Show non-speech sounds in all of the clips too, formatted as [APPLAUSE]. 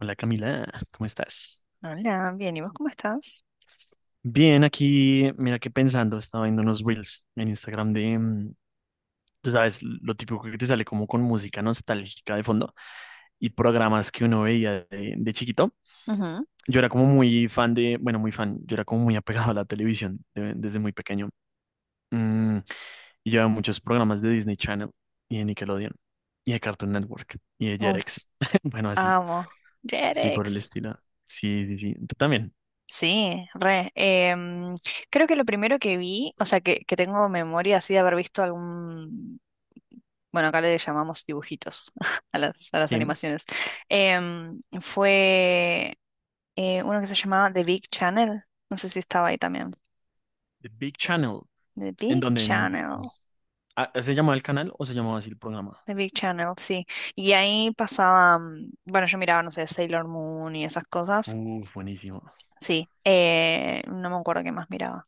Hola Camila, ¿cómo estás? Hola, bien, ¿y vos cómo estás? Bien, aquí, mira que pensando, estaba viendo unos reels en Instagram de, tú sabes, lo típico que te sale como con música nostálgica de fondo y programas que uno veía de chiquito. Ujú. Yo era como muy fan de, bueno, muy fan, yo era como muy apegado a la televisión desde muy pequeño. Mm, y llevaba muchos programas de Disney Channel y de Nickelodeon y de Cartoon Network y de Uy, Jetix. [LAUGHS] Bueno, así, amo. sí, por el Jerex. estilo. Sí, sí, sí. Tú también. Sí, re. Creo que lo primero que vi, o sea, que tengo memoria así de haber visto algún, bueno, acá le llamamos dibujitos [LAUGHS] a las Sí. animaciones. Fue uno que se llamaba The Big Channel, no sé si estaba ahí también. The Big Channel. The ¿En Big donde? Channel. Ah, ¿se llamaba el canal o se llamaba así el programa? The Big Channel, sí. Y ahí pasaba, bueno, yo miraba, no sé, Sailor Moon y esas cosas. Uf, buenísimo. Sí, no me acuerdo qué más miraba.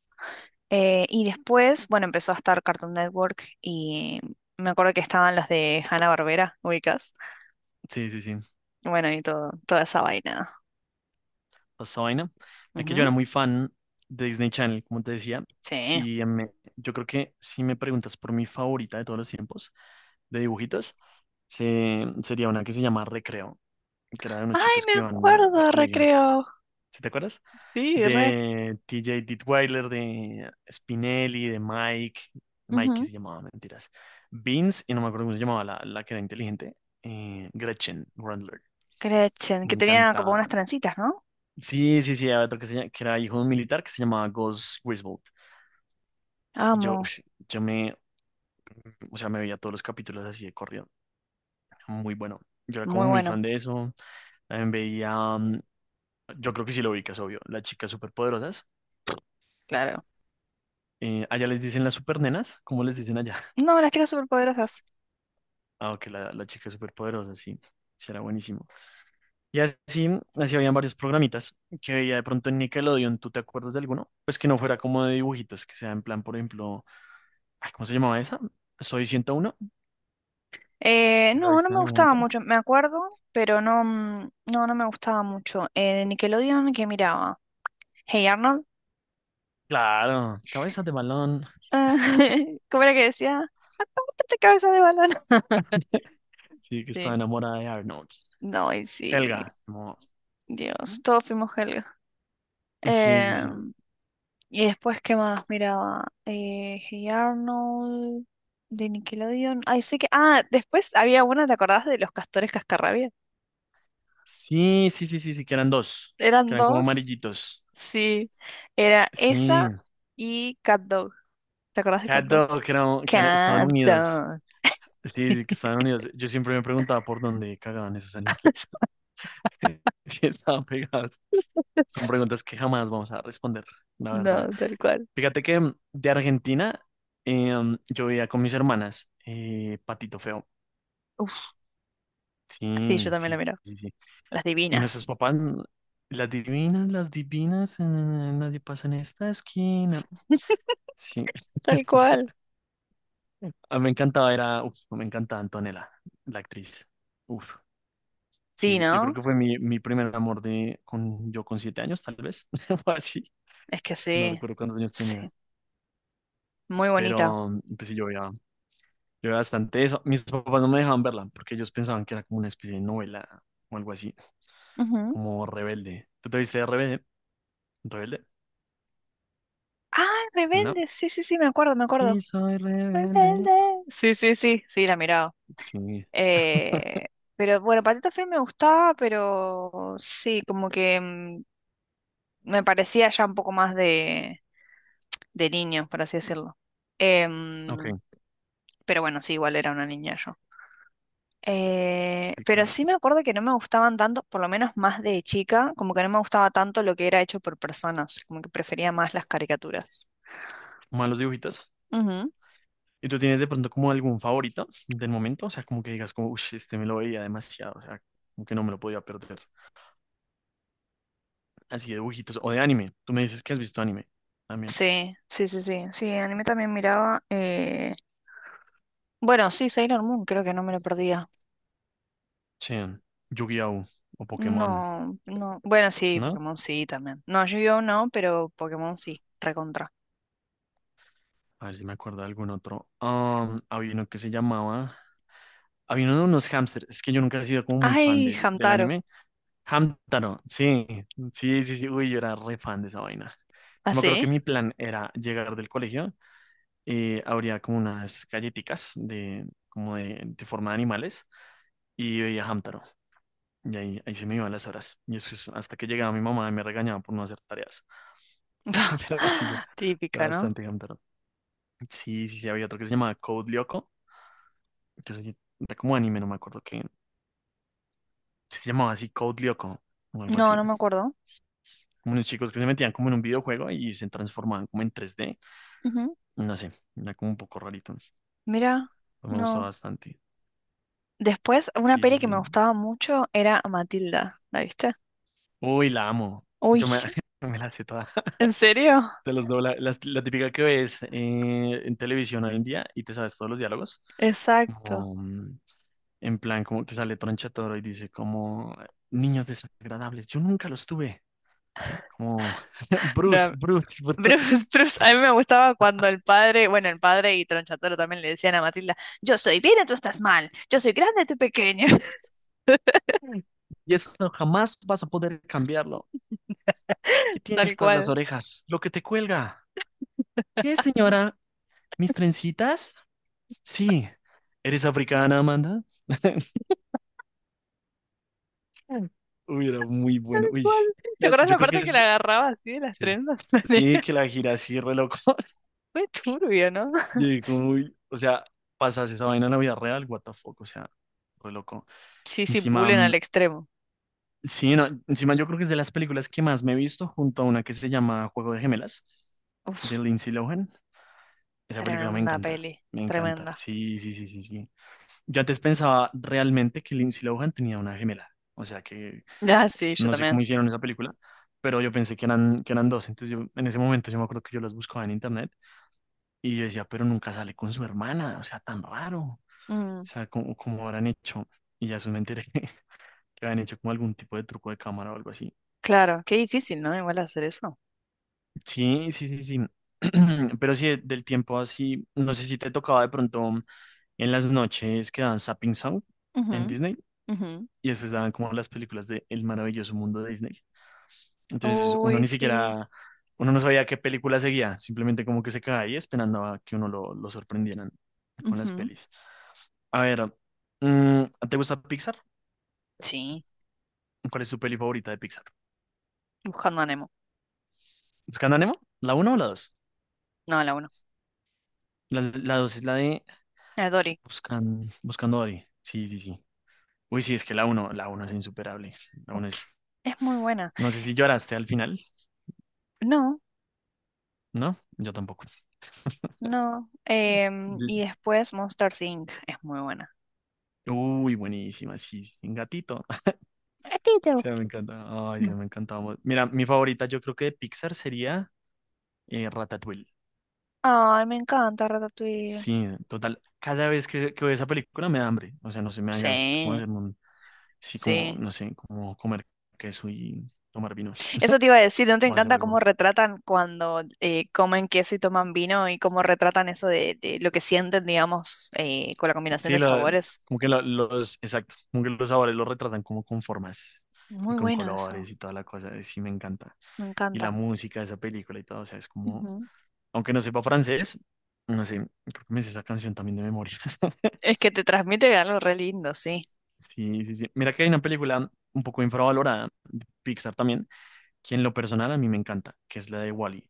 Y después, bueno, empezó a estar Cartoon Network y me acuerdo que estaban las de Hanna-Barbera, ubicas. Sí, sí, sí. Bueno, y toda esa vaina. Esa vaina. Es que yo Ujú. era muy fan de Disney Channel, como te decía. Sí. Y yo creo que si me preguntas por mi favorita de todos los tiempos de dibujitos, sería una que se llama Recreo, que era de unos Ay, chicos me que iban al acuerdo, colegio. recreo. ¿Sí te acuerdas? Sí, re. De TJ Dittweiler, de Spinelli, de Mike. Mike que Ujú. se llamaba, mentiras. Beans, y no me acuerdo cómo se llamaba la que era inteligente. Gretchen Grandler. Gretchen, Me que tenía como encanta. unas trencitas, ¿no? Sí, sí, sí, había otro que, que era hijo de un militar que se llamaba Gus Griswold. Y yo, Amo. ush, yo me, o sea, me veía todos los capítulos así de corrido. Muy bueno. Yo era como Muy muy bueno, fan de eso. También veía, yo creo que sí lo ubicas, obvio, las chicas superpoderosas. claro. Allá les dicen las supernenas, ¿cómo les dicen allá? [LAUGHS] No, las chicas superpoderosas. Ah, ok, la chica superpoderosa, sí, sí era buenísimo. Y así, así habían varios programitas que veía de pronto en Nickelodeon. ¿Tú te acuerdas de alguno? Pues que no fuera como de dibujitos, que sea en plan, por ejemplo, ay, ¿cómo se llamaba esa? Soy 101. ¿Ya la No, no viste en me algún gustaba momento? mucho, me acuerdo, pero no, no me gustaba mucho. De Nickelodeon, ¿qué miraba? Hey Arnold. Claro, cabezas de balón. Ah, [LAUGHS] ¿cómo era que decía? ¡Quítate cabeza de balón! [LAUGHS] [LAUGHS] Sí, que estaba Sí. enamorada de Arnold. No, y sí, Helga. Dios, todos fuimos Helga. Sí, sí, Eh, sí. y después, ¿qué más miraba? Hey Arnold, de Nickelodeon. Ay, sé que. Ah, después había una, ¿te acordás de los castores cascarrabia? Sí, sí, sí, sí, sí, que eran dos. Eran Que eran como dos. amarillitos. Sí, era Sí. esa y Cat Dog. ¿Te acordás de Cat Cat Dog? Dog, que, estaban Cat unidos. Dog. Sí, sí, que [LAUGHS] estaban unidos. Yo siempre me preguntaba por dónde cagaban esos animales. [LAUGHS] Sí, estaban pegadas. Son preguntas que jamás vamos a responder, la verdad. No, tal cual. Fíjate que de Argentina yo veía con mis hermanas Patito Feo. Uf, sí, yo Sí, también la sí, miro. sí, sí. Las Y nuestros divinas. papás, las divinas, nadie pasa en esta esquina. Sí, Tal [LAUGHS] o sea, cual. a mí me encantaba, era, uf, me encantaba Antonella, la actriz. Uf, sí, Sí, sí. Yo creo ¿no? que fue mi, mi primer amor yo con 7 años, tal vez, [LAUGHS] o así. Es que No sí, recuerdo cuántos años sí, tenía. muy bonita. Pero pues sí, yo veía bastante eso. Mis papás no me dejaban verla porque ellos pensaban que era como una especie de novela o algo así, Ujú. como rebelde. ¿Tú te viste rebelde? ¿Rebelde? Ah, No. Rebelde, sí, sí, sí, me acuerdo, me acuerdo. Y soy rebelde. Rebelde. Sí, sí, sí, sí, la miraba. Sí. Eh, [LAUGHS] pero bueno, Patito Feo me gustaba, pero sí, como que me parecía ya un poco más de niño, por así decirlo. Em, Ok, pero bueno, sí, igual era una niña yo. Sí, Pero claro. sí me acuerdo que no me gustaban tanto, por lo menos más de chica, como que no me gustaba tanto lo que era hecho por personas, como que prefería más las caricaturas. Malos dibujitos. Ujú. ¿Y tú tienes de pronto como algún favorito del momento? O sea, como que digas como, uy, este me lo veía demasiado, o sea, como que no me lo podía perder. Así de dibujitos. O de anime. Tú me dices que has visto anime también. Sí, sí, sí, sí. Sí, anime también miraba. Bueno, sí, Sailor Moon, creo que no me lo perdía. Sí. Yu-Gi-Oh! O Pokémon, No, no. Bueno, sí, ¿no? Pokémon sí también. No, Yu-Gi-Oh no, pero Pokémon sí, recontra. A ver si me acuerdo de algún otro. Había uno que se llamaba. Había uno de unos hámsters. Es que yo nunca he sido como muy fan Ay, del Hamtaro. anime. Hamtaro, sí. Sí, sí, sí. Uy, yo era re fan de esa vaina. ¿Ah, Yo me acuerdo sí? que mi plan era llegar del colegio. Habría como unas galletitas de forma de animales. Y veía Hamtaro. Y ahí se me iban las horas. Y eso es hasta que llegaba mi mamá y me regañaba por no hacer tareas. [LAUGHS] Pero sí, yo. [LAUGHS] yo Típica, ¿no? bastante Hamtaro. Sí, sí, sí. Había otro que se llamaba Code Lyoko que era como anime, no me acuerdo que se llamaba así Code Lyoko o algo No, así. no me acuerdo. Como unos chicos que se metían como en un videojuego y se transformaban como en 3D. Ujú. No sé, era como un poco rarito. Mira, Pero me gustó no. bastante. Después, una Sí, peli sí, que sí. me gustaba mucho era Matilda. ¿La viste? Uy, la amo. Uy, Yo me, [LAUGHS] me la sé toda. ¿en serio? [LAUGHS] Te los dobla. La típica que ves en televisión hoy en día y te sabes todos los diálogos. Exacto. Como en plan, como que sale Tronchatoro y dice como niños desagradables. Yo nunca los tuve. Como [LAUGHS] Bruce, No, Bruce, Bruce. Bruce, [LAUGHS] Bruce, a mí me gustaba cuando el padre, bueno, el padre y Tronchatoro también le decían a Matilda, yo estoy bien y tú estás mal, yo soy grande, tú pequeña. [LAUGHS] Mm. Y eso jamás vas a poder cambiarlo. ¿Qué Tal tienes tras las cual, orejas? Lo que te cuelga. ¿Qué, señora? ¿Mis trencitas? Sí. ¿Eres africana, Amanda? [LAUGHS] Mm. Uy, era muy tal bueno. Uy, cual. ¿Te mira, acuerdas yo la creo que parte que la es... agarraba así de las Sí, trenzas? sí, que [LAUGHS] la gira así, re loco. [LAUGHS] Fue turbio, ¿no? [LAUGHS] Y como, uy, o sea, pasas esa vaina en la vida real, what the fuck, o sea, re loco. Sí, sí, Encima, bullying al extremo. sí, no, encima yo creo que es de las películas que más me he visto junto a una que se llama Juego de Gemelas, de Uf, Lindsay Lohan. Esa película me tremenda encanta, peli, me encanta. tremenda. Sí, sí, sí, sí, sí. Yo antes pensaba realmente que Lindsay Lohan tenía una gemela. O sea que Ah, sí, yo no sé cómo también. hicieron esa película, pero yo pensé que eran dos. Entonces yo, en ese momento yo me acuerdo que yo las buscaba en internet y yo decía, pero nunca sale con su hermana. O sea, tan raro. O Mm, sea, como, como habrán hecho. Y ya después me enteré [LAUGHS] que habían hecho como algún tipo de truco de cámara o algo así. claro, qué difícil, ¿no? Igual hacer eso. Sí, sí, sí, sí. [CLEARS THROAT] Pero sí, del tiempo así, no sé si te tocaba de pronto. En las noches que daban Sapping Sound Ujú, en Disney ujú. y después daban como las películas de El maravilloso mundo de Disney. Entonces uno Uy, ni sí. siquiera, uno no sabía qué película seguía, simplemente como que se quedaba ahí esperando a que uno lo sorprendieran con las Ujú. pelis. A ver, mm, ¿te gusta Pixar? Sí, ¿Cuál es tu peli favorita de Pixar? buscando a Nemo. ¿Buscando a Nemo? ¿La uno o la dos? No, la uno. La 2 es la de A Dory. Buscan, Buscando a Dory. Sí, sí, sí. Uy, sí, es que la uno, la uno es insuperable. La uno es... Es muy buena. No sé si lloraste al final, No. ¿no? Yo tampoco. No. Y después Monster Inc. es muy buena. Uy, buenísima, sí, sin gatito. [LAUGHS] Ratito. Sí, me encanta. Ay, sí, me encantaba. Mira, mi favorita yo creo que de Pixar sería Ratatouille. Ay, me encanta Ratatouille. Sí, total. Cada vez que veo esa película me da hambre. O sea, no sé, me dan ganas como Sí, hacer un, sí, como, sí. no sé, como comer queso y tomar vinos Eso te iba a decir, ¿no te o hacer encanta cómo algo. retratan cuando comen queso y toman vino y cómo retratan eso de lo que sienten, digamos, con la combinación Sí, de sabores? como que exacto, como que los sabores los retratan como con formas y Muy con bueno eso, colores y toda la cosa. Sí, me encanta. me Y la encanta. música de esa película y todo, o sea, es como, Ujú. aunque no sepa francés, no sé, creo que me sé esa canción también de memoria. [LAUGHS] Es que te transmite algo re lindo, sí. Sí, sí, sí. Mira que hay una película un poco infravalorada de Pixar también, que en lo personal a mí me encanta, que es la de Wall-E,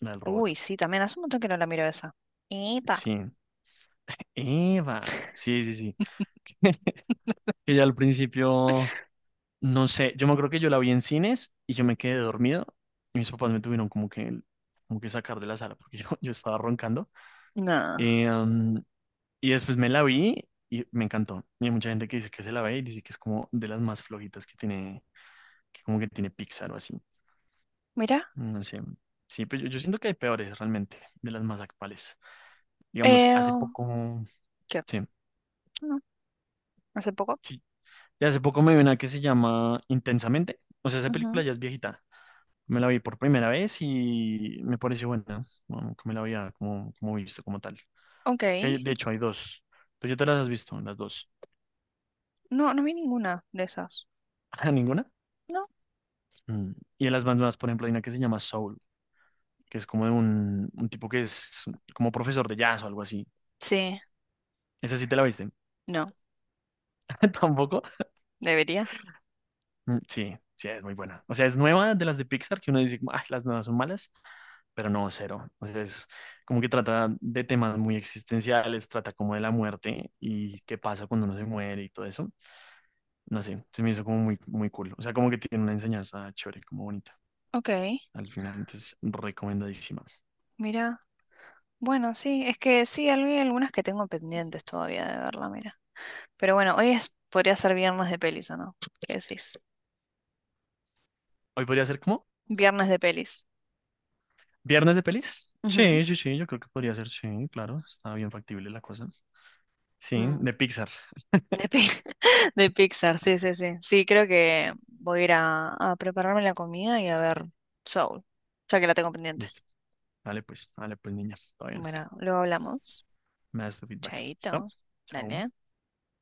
la del robot. Uy, sí, también hace un montón que no la miro esa. Epa. Sí, Eva. Sí, sí, sí. [LAUGHS] Ella al principio, no sé, yo me acuerdo que yo la vi en cines y yo me quedé dormido y mis papás me tuvieron como que sacar de la sala porque [LAUGHS] yo estaba roncando. No. Eh, um, Y después me la vi y me encantó. Y hay mucha gente que dice que se la ve y dice que es como de las más flojitas que tiene, que como que tiene Pixar o así. Mira. No sé. Sí, pero yo siento que hay peores realmente, de las más actuales. Digamos, Eh, hace poco, ¿Qué? sí, Hace poco. sí. Y hace poco me vi una que se llama Intensamente. O sea, esa película Ujú. ya es viejita. Me la vi por primera vez y me pareció buena. Bueno, que me la había como visto como tal. Ok. Que hay- de hecho, hay dos. ¿Tú ya te las has visto, las dos? No, no vi ninguna de esas. [LAUGHS] ¿Ninguna? No. Mm. Y de las más nuevas, por ejemplo, hay una que se llama Soul que es como de un tipo que es como profesor de jazz o algo así. Sí, ¿Esa sí te la viste? no, [LAUGHS] ¿Tampoco? debería. Mm, sí, sí, es muy buena. O sea, es nueva de las de Pixar, que uno dice, como, ay, las nuevas son malas, pero no, cero. O sea, es como que trata de temas muy existenciales, trata como de la muerte y qué pasa cuando uno se muere y todo eso. No sé, se me hizo como muy, muy cool. O sea, como que tiene una enseñanza chévere, como bonita. Ok, Al final, entonces, recomendadísima. mira. Bueno, sí, es que sí, hay algunas que tengo pendientes todavía de verla, mira. Pero bueno, hoy es, podría ser viernes de pelis, ¿o no? ¿Qué decís? Hoy podría ser como Viernes de pelis. viernes de pelis. Ujú. Sí, sí, sí, yo creo que podría ser, sí, claro, está bien factible la cosa. Sí, Mm. de Pixar. De, Pi- [LAUGHS] de Pixar, sí, sí, sí. Sí, creo que voy a ir a prepararme la comida y a ver Soul, ya que la tengo pendiente. Listo. Vale, pues, niña. Está bien. Bueno, luego hablamos. Me das tu feedback. ¿Listo? Chaito. Chao. Dale.